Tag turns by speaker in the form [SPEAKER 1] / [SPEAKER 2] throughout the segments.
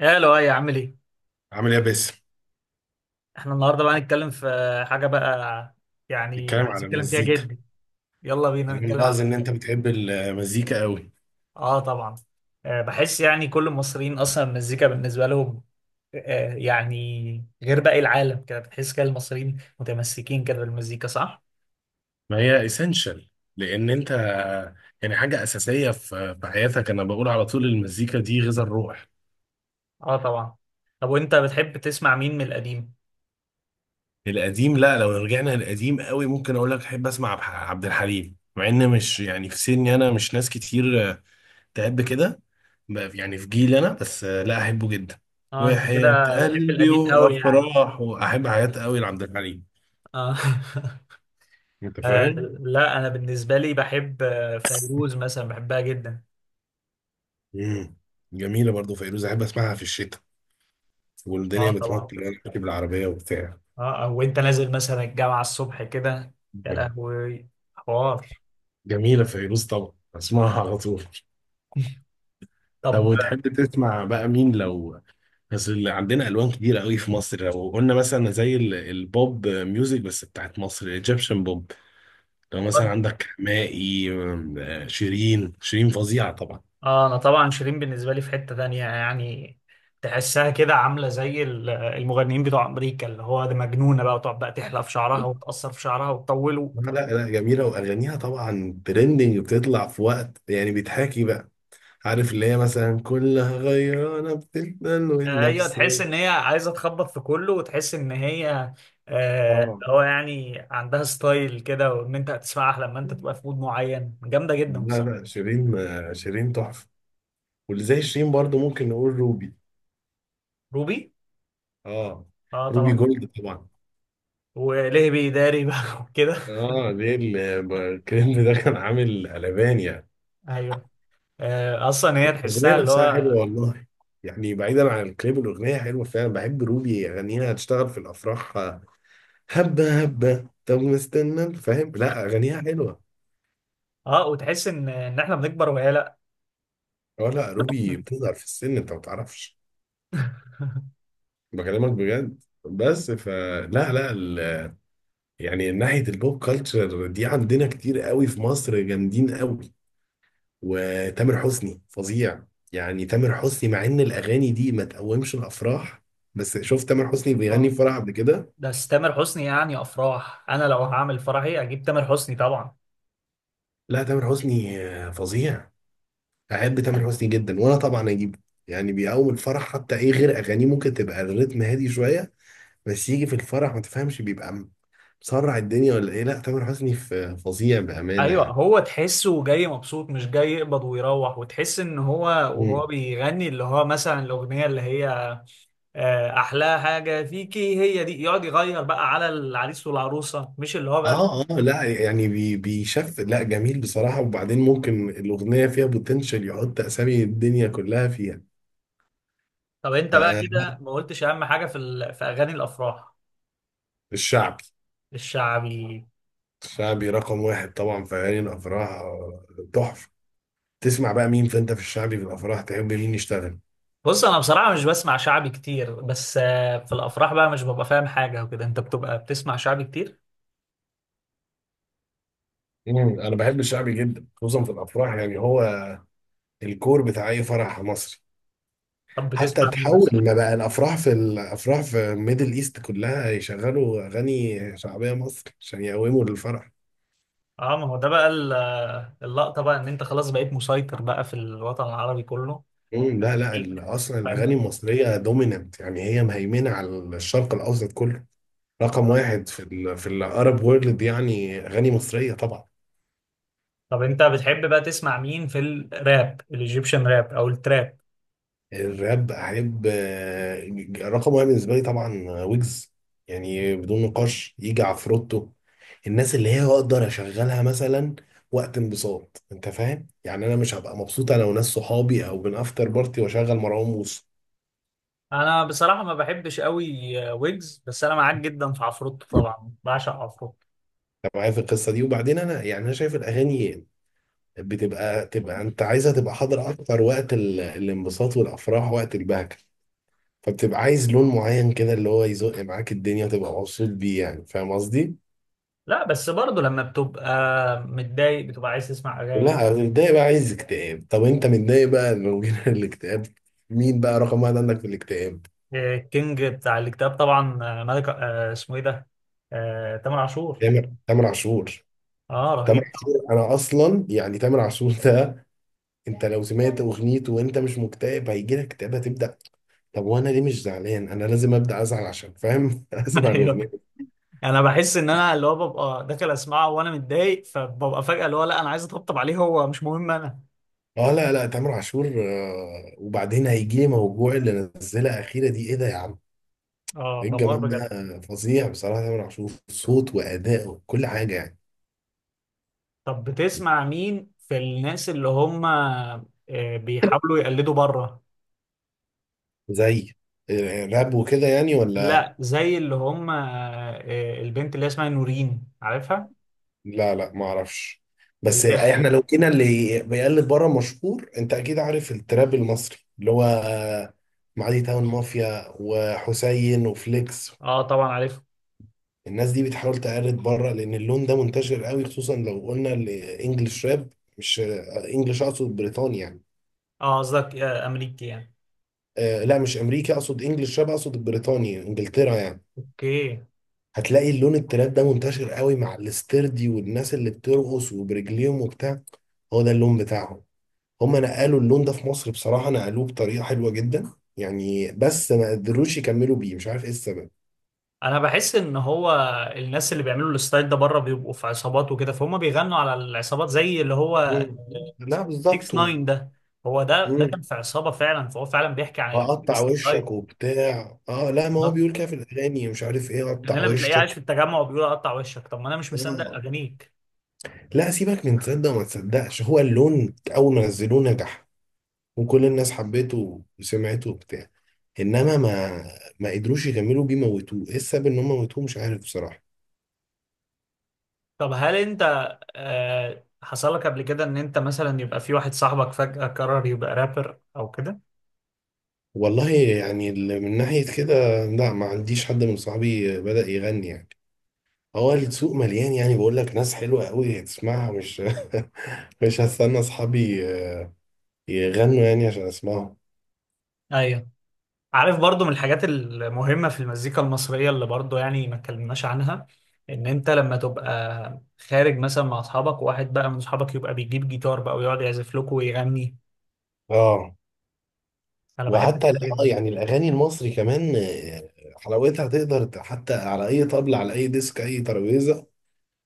[SPEAKER 1] يا لؤي، عامل ايه؟
[SPEAKER 2] عامل ايه يا باسم.
[SPEAKER 1] احنا النهارده بقى هنتكلم في حاجه بقى، يعني
[SPEAKER 2] بيتكلم
[SPEAKER 1] عايز
[SPEAKER 2] على
[SPEAKER 1] اتكلم فيها
[SPEAKER 2] المزيكا.
[SPEAKER 1] جدا. يلا بينا
[SPEAKER 2] انا
[SPEAKER 1] نتكلم
[SPEAKER 2] ملاحظ
[SPEAKER 1] عنها.
[SPEAKER 2] ان انت بتحب المزيكا قوي.
[SPEAKER 1] اه، طبعا. بحس يعني كل المصريين اصلا المزيكا بالنسبه لهم، يعني غير باقي العالم كده. بتحس كده المصريين متمسكين كده بالمزيكا، صح؟
[SPEAKER 2] ما هي اسينشال، لان انت حاجه اساسيه في حياتك. انا بقول على طول المزيكا دي غذاء الروح.
[SPEAKER 1] اه، طبعا. طب وانت بتحب تسمع مين من القديم؟
[SPEAKER 2] القديم؟ لا، لو رجعنا للقديم قوي ممكن اقول لك احب اسمع عبد الحليم، مع ان مش يعني في سني انا، مش ناس كتير تحب كده. يعني في جيلي انا بس، لا احبه جدا.
[SPEAKER 1] اه، انت
[SPEAKER 2] وحياة
[SPEAKER 1] كده بتحب
[SPEAKER 2] قلبي
[SPEAKER 1] القديم قوي يعني.
[SPEAKER 2] وافراح واحب حياة قوي لعبد الحليم.
[SPEAKER 1] اه.
[SPEAKER 2] انت
[SPEAKER 1] آه،
[SPEAKER 2] فاهم.
[SPEAKER 1] لا، انا بالنسبه لي بحب فيروز مثلا، بحبها جدا.
[SPEAKER 2] امم جميله برضو فيروز، احب اسمعها في الشتاء والدنيا
[SPEAKER 1] اه، طبعا.
[SPEAKER 2] بتمطر وانا راكب العربيه وبتاع.
[SPEAKER 1] اه، او انت نازل مثلا الجامعه الصبح كده. يا
[SPEAKER 2] مم.
[SPEAKER 1] لهوي! حوار.
[SPEAKER 2] جميله فيروز، طبعا اسمعها على طول. طب
[SPEAKER 1] طب.
[SPEAKER 2] وتحب تسمع بقى مين؟ لو بس اللي عندنا الوان كتيره قوي في مصر. لو قلنا مثلا زي البوب ميوزك بس بتاعت مصر، الايجيبشن بوب. لو مثلا عندك حماقي، أم، آه، شيرين فظيعه طبعا.
[SPEAKER 1] اه، انا طبعا شيرين بالنسبه لي في حته تانية يعني. تحسها كده عامله زي المغنيين بتوع امريكا، اللي هو ده، مجنونه بقى وتقعد بقى تحلق في شعرها وتقصر في شعرها وتطوله
[SPEAKER 2] لا لا لا، جميله واغانيها طبعا ترندنج، بتطلع في وقت يعني بيتحاكي بقى. عارف اللي هي مثلا كلها غيرانة بتتنن
[SPEAKER 1] ايوه، تحس ان
[SPEAKER 2] والنفسية.
[SPEAKER 1] هي عايزه تخبط في كله وتحس ان هي
[SPEAKER 2] اه
[SPEAKER 1] اللي هو يعني عندها ستايل كده، وان انت هتسمعها لما انت تبقى في مود معين. جامده جدا
[SPEAKER 2] لا
[SPEAKER 1] بصراحه.
[SPEAKER 2] لا، شيرين شيرين تحفة. واللي زي شيرين برضو ممكن نقول روبي.
[SPEAKER 1] روبي.
[SPEAKER 2] اه،
[SPEAKER 1] اه،
[SPEAKER 2] روبي
[SPEAKER 1] طبعا.
[SPEAKER 2] جولد طبعا.
[SPEAKER 1] وليه بيداري بقى وكده.
[SPEAKER 2] اه ليه الكليب ده كان عامل قلبان يعني.
[SPEAKER 1] ايوه. اصلا هي
[SPEAKER 2] الأغنية
[SPEAKER 1] تحسها اللي
[SPEAKER 2] نفسها حلوة
[SPEAKER 1] هو.
[SPEAKER 2] والله. يعني بعيدا عن الكليب، الأغنية حلوة فعلا. بحب روبي، أغانيها هتشتغل في الأفراح. هبة طب مستنى فاهم، لا أغانيها حلوة.
[SPEAKER 1] اه، وتحس ان احنا بنكبر وهي لا.
[SPEAKER 2] اه لا، روبي بتظهر في السن أنت ما تعرفش. بكلمك بجد بس فلا. لا يعني ناحية البوب كلتشر دي عندنا كتير قوي في مصر، جامدين قوي. وتامر حسني فظيع. يعني تامر حسني مع ان الاغاني دي ما تقومش الافراح، بس شوف تامر حسني بيغني في
[SPEAKER 1] اه.
[SPEAKER 2] فرح قبل كده.
[SPEAKER 1] بس تامر حسني يعني افراح، انا لو هعمل فرحي اجيب تامر حسني طبعا.
[SPEAKER 2] لا تامر حسني فظيع. احب تامر حسني جدا، وانا طبعا اجيبه. يعني بيقوم الفرح. حتى ايه، غير اغانيه ممكن تبقى الريتم هادي شوية، بس يجي في الفرح ما تفهمش، بيبقى مسرع الدنيا ولا ايه. لا تامر حسني فظيع
[SPEAKER 1] ايوه،
[SPEAKER 2] بأمانة
[SPEAKER 1] هو تحسه جاي مبسوط، مش جاي يقبض ويروح. وتحس ان هو
[SPEAKER 2] يعني.
[SPEAKER 1] وهو بيغني اللي هو مثلا الاغنيه اللي هي احلى حاجه فيكي هي دي، يقعد يغير بقى على العريس والعروسه، مش اللي هو بقى.
[SPEAKER 2] اه اه لا يعني بيشف لا جميل بصراحة. وبعدين ممكن الأغنية فيها بوتنشال يحط أسامي الدنيا كلها فيها.
[SPEAKER 1] طب، انت بقى كده ما قلتش اهم حاجه في في اغاني الافراح.
[SPEAKER 2] فالشعبي.
[SPEAKER 1] الشعبي.
[SPEAKER 2] الشعبي رقم واحد طبعا في أغاني الأفراح. تحفة. تسمع بقى مين، فأنت في الشعبي في الأفراح تحب مين يشتغل؟
[SPEAKER 1] بص، انا بصراحه مش بسمع شعبي كتير، بس في الافراح بقى مش ببقى فاهم حاجه وكده. انت بتبقى بتسمع شعبي كتير.
[SPEAKER 2] مم، أنا بحب الشعبي جدا خصوصا في الأفراح. يعني هو الكور بتاع أي فرح مصري.
[SPEAKER 1] طب
[SPEAKER 2] حتى
[SPEAKER 1] بتسمع مين
[SPEAKER 2] تحول
[SPEAKER 1] مثلا؟
[SPEAKER 2] ما بقى الأفراح، في الأفراح في ميدل إيست كلها يشغلوا أغاني شعبية مصري عشان يقوموا للفرح.
[SPEAKER 1] اه، ما هو ده بقى اللقطه، بقى ان انت خلاص بقيت مسيطر بقى في الوطن العربي كله.
[SPEAKER 2] مم، لا لا
[SPEAKER 1] ليك.
[SPEAKER 2] اصلا الاغاني
[SPEAKER 1] فاهم؟
[SPEAKER 2] المصريه دوميننت، يعني هي مهيمنه على الشرق الاوسط كله. رقم واحد في ال في الارب وورلد، يعني اغاني مصريه طبعا.
[SPEAKER 1] طب انت بتحب بقى تسمع مين في الراب، الايجيبشن راب او التراب؟
[SPEAKER 2] الراب احب، رقم واحد بالنسبه لي طبعا ويجز، يعني بدون نقاش. يجي عفروتو. الناس اللي هي اقدر اشغلها مثلا وقت انبساط، انت فاهم يعني. انا مش هبقى مبسوط انا وناس صحابي او بنافتر بارتي واشغل مروان موسى.
[SPEAKER 1] انا بصراحه ما بحبش قوي ويجز، بس انا معاك جدا في عفروتو، طبعا بعشق عفروتو.
[SPEAKER 2] انت معايا في القصه دي. وبعدين انا يعني انا شايف الاغاني بتبقى انت عايزها تبقى حاضر اكتر وقت الانبساط والافراح، وقت البهجه. فبتبقى عايز لون معين كده اللي هو يزق معاك الدنيا وتبقى مبسوط بيه، يعني فاهم قصدي؟
[SPEAKER 1] لا، بس برضه لما بتبقى متضايق بتبقى عايز تسمع اغاني.
[SPEAKER 2] لا متضايق بقى عايز اكتئاب. طب انت متضايق بقى، لو جينا الاكتئاب مين بقى رقم واحد عندك في الاكتئاب؟
[SPEAKER 1] الكينج بتاع الكتاب طبعا، ملك، اسمه ايه ده؟ تامر عاشور.
[SPEAKER 2] تامر عاشور.
[SPEAKER 1] اه،
[SPEAKER 2] تامر
[SPEAKER 1] رهيب طبعا.
[SPEAKER 2] عاشور، انا اصلا يعني تامر عاشور ده، انت لو سمعت اغنيته وانت مش مكتئب هيجي لك اكتئاب، هتبدا. طب وانا ليه مش زعلان؟ انا لازم ابدا ازعل عشان فاهم؟ اسمع
[SPEAKER 1] ايوه.
[SPEAKER 2] الاغنيه.
[SPEAKER 1] انا بحس ان انا اللي هو ببقى داخل اسمعه وانا متضايق، فببقى فجأة اللي هو لا، انا عايز اطبطب عليه، هو مش مهم انا.
[SPEAKER 2] اه لا لا تامر عاشور وبعدين هيجي لي موجوع. اللي نزلها اخيره دي ايه ده يا عم؟
[SPEAKER 1] اه،
[SPEAKER 2] ايه
[SPEAKER 1] دمار
[SPEAKER 2] الجمال ده.
[SPEAKER 1] بجد.
[SPEAKER 2] فظيع بصراحه تامر عاشور، صوت واداء وكل حاجه يعني.
[SPEAKER 1] طب بتسمع مين في الناس اللي هم بيحاولوا يقلدوا بره؟
[SPEAKER 2] زي راب وكده يعني ولا؟
[SPEAKER 1] لا، زي اللي هم البنت اللي هي اسمها نورين، عارفها؟
[SPEAKER 2] لا لا ما اعرفش. بس
[SPEAKER 1] اللي هي-
[SPEAKER 2] احنا لو كنا اللي بيقلد بره مشهور، انت اكيد عارف التراب المصري اللي هو، معادي تاون مافيا وحسين وفليكس.
[SPEAKER 1] اه طبعا عارفها.
[SPEAKER 2] الناس دي بتحاول تقلد بره لان اللون ده منتشر قوي، خصوصا لو قلنا الانجليش راب. مش انجليش، اقصد بريطانيا يعني.
[SPEAKER 1] اه، قصدك امريكي يعني.
[SPEAKER 2] آه لا مش امريكا، اقصد انجليش راب، اقصد بريطانيا انجلترا يعني.
[SPEAKER 1] اوكي.
[SPEAKER 2] هتلاقي اللون التراب ده منتشر قوي مع الاستردي، والناس اللي بترقص وبرجليهم وبتاع. هو ده اللون بتاعهم. هم نقلوا اللون ده في مصر بصراحة نقلوه بطريقة حلوة جدا يعني، بس ما قدروش يكملوا بيه مش عارف ايه السبب.
[SPEAKER 1] انا بحس ان هو الناس اللي بيعملوا الستايل ده بره بيبقوا في عصابات وكده، فهم بيغنوا على العصابات، زي اللي هو
[SPEAKER 2] مم. لا
[SPEAKER 1] 6
[SPEAKER 2] بالظبط.
[SPEAKER 1] 9 ده. هو ده كان
[SPEAKER 2] مم.
[SPEAKER 1] في عصابه فعلا، فهو فعلا بيحكي عن
[SPEAKER 2] اقطع وشك
[SPEAKER 1] الستايل.
[SPEAKER 2] وبتاع. اه لا ما
[SPEAKER 1] ده
[SPEAKER 2] هو بيقول كده في الاغاني مش عارف ايه،
[SPEAKER 1] كان
[SPEAKER 2] اقطع
[SPEAKER 1] هنا بتلاقيه
[SPEAKER 2] وشك.
[SPEAKER 1] عايش في التجمع وبيقول اقطع وشك. طب ما انا مش مصدق
[SPEAKER 2] آه.
[SPEAKER 1] اغانيك.
[SPEAKER 2] لا سيبك من تصدق وما تصدقش، هو اللون اول ما نزلوه نجح وكل الناس حبته وسمعته وبتاع، انما ما قدروش يكملوا بيه، موتوه، ايه السبب ان هم موتوه مش عارف بصراحة.
[SPEAKER 1] طب هل انت حصل لك قبل كده ان انت مثلا يبقى في واحد صاحبك فجأة قرر يبقى رابر او كده؟
[SPEAKER 2] والله يعني من ناحية كده لا ما عنديش حد من صحابي بدأ يغني يعني. هو السوق مليان، يعني بقول لك ناس حلوة قوي تسمعها، مش مش هستنى اصحابي يغنوا يعني عشان اسمعهم.
[SPEAKER 1] ايوه، عارف برضو من الحاجات المهمة في المزيكا المصرية اللي برضو يعني ما اتكلمناش عنها، ان انت لما تبقى خارج مثلا مع اصحابك، وواحد بقى من اصحابك يبقى بيجيب جيتار بقى ويقعد يعزف لكم ويغني.
[SPEAKER 2] اه.
[SPEAKER 1] انا بحب
[SPEAKER 2] وحتى
[SPEAKER 1] كده
[SPEAKER 2] اه
[SPEAKER 1] جدا.
[SPEAKER 2] يعني الاغاني المصري كمان، حلاوتها تقدر حتى على اي طبلة على اي ديسك اي ترابيزه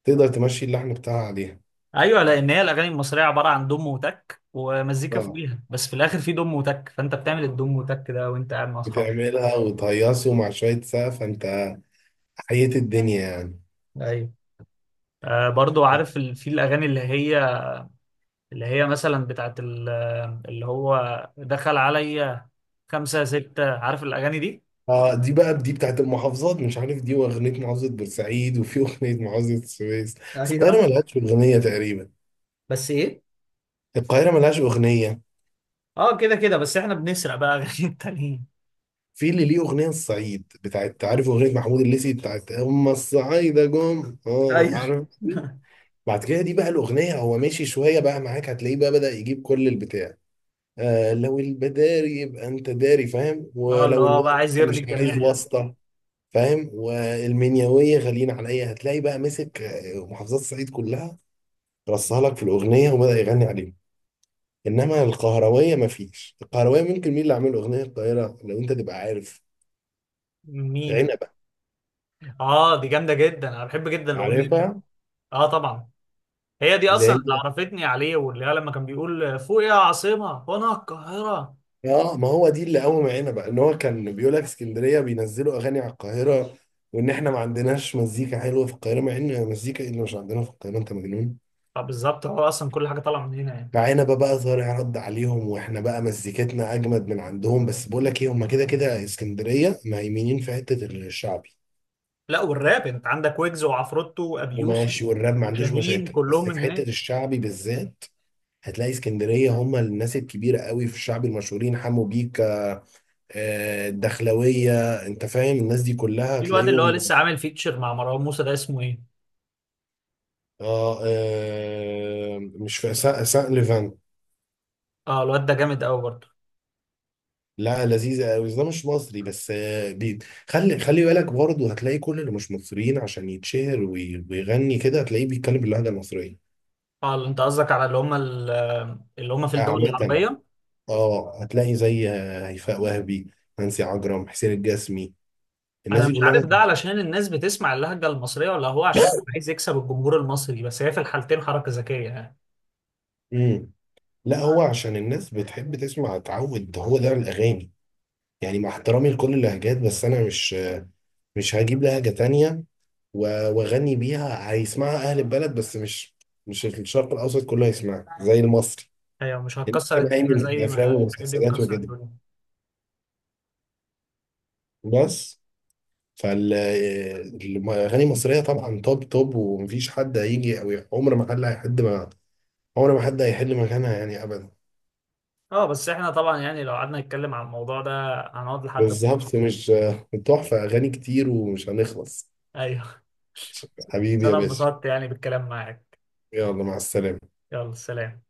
[SPEAKER 2] تقدر تمشي اللحن بتاعها عليها.
[SPEAKER 1] ايوه، لان هي الاغاني المصرية عبارة عن دم وتك ومزيكا
[SPEAKER 2] اه.
[SPEAKER 1] فوقيها، بس في الاخر في دم وتك. فانت بتعمل الدم وتك ده وانت قاعد مع اصحابك.
[SPEAKER 2] بتعملها وتهيصه مع شويه سقف، انت حييت الدنيا يعني.
[SPEAKER 1] ايوه. برضو عارف في الاغاني اللي هي مثلا بتاعت اللي هو دخل عليا خمسة ستة، عارف الاغاني دي؟
[SPEAKER 2] اه دي بقى دي بتاعت المحافظات مش عارف، دي واغنيه محافظه بورسعيد، وفي اغنيه محافظه السويس، بس القاهره
[SPEAKER 1] ايوه.
[SPEAKER 2] ملهاش اغنيه تقريبا.
[SPEAKER 1] بس ايه؟
[SPEAKER 2] القاهره ملهاش اغنيه.
[SPEAKER 1] اه، كده كده بس احنا بنسرق بقى غير التانيين.
[SPEAKER 2] في اللي ليه اغنيه الصعيد بتاعت، عارف اغنيه محمود الليثي بتاعت هم الصعايده جم؟ اه
[SPEAKER 1] ايوه.
[SPEAKER 2] عارف. بعد كده دي بقى الأغنية هو ماشي شوية بقى معاك هتلاقيه بقى بدأ يجيب كل البتاع. آه لو البداري يبقى أنت داري فاهم،
[SPEAKER 1] اه، اللي
[SPEAKER 2] ولو
[SPEAKER 1] هو بقى
[SPEAKER 2] الواسطة
[SPEAKER 1] عايز يرضي
[SPEAKER 2] مش عايز
[SPEAKER 1] الجميع يعني.
[SPEAKER 2] واسطة فاهم، والمنيوية غاليين عليا. هتلاقي بقى مسك، محافظات الصعيد كلها رصها لك في الأغنية وبدأ يغني عليهم. إنما القهروية مفيش، القهروية ممكن مين اللي عامل أغنية القاهرة لو أنت تبقى عارف؟
[SPEAKER 1] مين؟
[SPEAKER 2] عنبة.
[SPEAKER 1] اه، دي جامده جدا. انا بحب جدا الاغنيه دي.
[SPEAKER 2] عارفها
[SPEAKER 1] اه طبعا. هي دي
[SPEAKER 2] اللي
[SPEAKER 1] اصلا اللي
[SPEAKER 2] هي.
[SPEAKER 1] عرفتني عليه، واللي هي لما كان بيقول فوق يا عاصمه وانا القاهره.
[SPEAKER 2] اه ما هو دي اللي قوم معانا بقى ان هو كان بيقول لك اسكندريه بينزلوا اغاني على القاهره، وان احنا ما عندناش مزيكا حلوه في القاهره، مع ان مزيكا ايه اللي مش عندنا في القاهره انت مجنون.
[SPEAKER 1] فبالظبط، هو اصلا كل حاجه طالعه من هنا يعني.
[SPEAKER 2] معانا بقى طارق رد عليهم، واحنا بقى مزيكتنا اجمد من عندهم. بس بقول لك ايه، هم كده كده اسكندريه مهيمنين في حته الشعبي.
[SPEAKER 1] لا، والراب انت عندك ويجز وعفروتو وابي يوسف
[SPEAKER 2] وماشي والراب ما عنديش
[SPEAKER 1] وشاهين،
[SPEAKER 2] مشاكل،
[SPEAKER 1] كلهم
[SPEAKER 2] بس في
[SPEAKER 1] من
[SPEAKER 2] حته
[SPEAKER 1] هناك.
[SPEAKER 2] الشعبي بالذات هتلاقي اسكندريه هم الناس الكبيره قوي في الشعب المشهورين، حمو بيكا، الدخلويه. انت فاهم الناس دي كلها
[SPEAKER 1] في الواد اللي هو
[SPEAKER 2] هتلاقيهم.
[SPEAKER 1] لسه عامل فيتشر مع مروان موسى ده، اسمه ايه؟
[SPEAKER 2] اه مش في سان سان ليفان.
[SPEAKER 1] اه، الواد ده جامد قوي برضه.
[SPEAKER 2] لا لذيذة قوي، ده مش مصري بس، دي خلي بالك برضه هتلاقي كل اللي مش مصريين عشان يتشهر ويغني كده هتلاقيه بيتكلم باللهجة المصرية.
[SPEAKER 1] اه، انت قصدك على اللي هم اللي هم في الدول
[SPEAKER 2] عامة
[SPEAKER 1] العربية.
[SPEAKER 2] اه هتلاقي زي هيفاء وهبي، نانسي عجرم، حسين الجسمي، الناس
[SPEAKER 1] انا
[SPEAKER 2] دي
[SPEAKER 1] مش
[SPEAKER 2] كلها
[SPEAKER 1] عارف
[SPEAKER 2] مصر.
[SPEAKER 1] ده علشان الناس بتسمع اللهجة المصرية ولا هو عشان عايز يكسب الجمهور المصري؟ بس هي في الحالتين حركة ذكية يعني.
[SPEAKER 2] امم لا هو عشان الناس بتحب تسمع تعود، هو ده الاغاني. يعني مع احترامي لكل اللهجات بس انا مش مش هجيب لهجة تانية واغني بيها، هيسمعها اهل البلد بس، مش مش الشرق الاوسط كله هيسمعها زي المصري.
[SPEAKER 1] هي مش
[SPEAKER 2] اللي
[SPEAKER 1] هتكسر
[SPEAKER 2] كان
[SPEAKER 1] الدنيا
[SPEAKER 2] هيمن في
[SPEAKER 1] زي ما
[SPEAKER 2] الافلام
[SPEAKER 1] الحاجات دي
[SPEAKER 2] والمسلسلات
[SPEAKER 1] بتكسر
[SPEAKER 2] وكده
[SPEAKER 1] الدنيا.
[SPEAKER 2] بس. فالاغاني المصريه طبعا توب توب، ومفيش حد هيجي او عمر ما حد هيحد ما عمر ما حد هيحل مكانها يعني ابدا.
[SPEAKER 1] اه، بس احنا طبعا يعني لو قعدنا نتكلم عن الموضوع ده هنقعد لحد
[SPEAKER 2] بالظبط
[SPEAKER 1] بكرة.
[SPEAKER 2] مش تحفه، اغاني كتير ومش هنخلص.
[SPEAKER 1] ايوه. بس
[SPEAKER 2] حبيبي يا
[SPEAKER 1] انا
[SPEAKER 2] باشا،
[SPEAKER 1] انبسطت يعني بالكلام معاك.
[SPEAKER 2] يلا مع السلامه.
[SPEAKER 1] يلا سلام.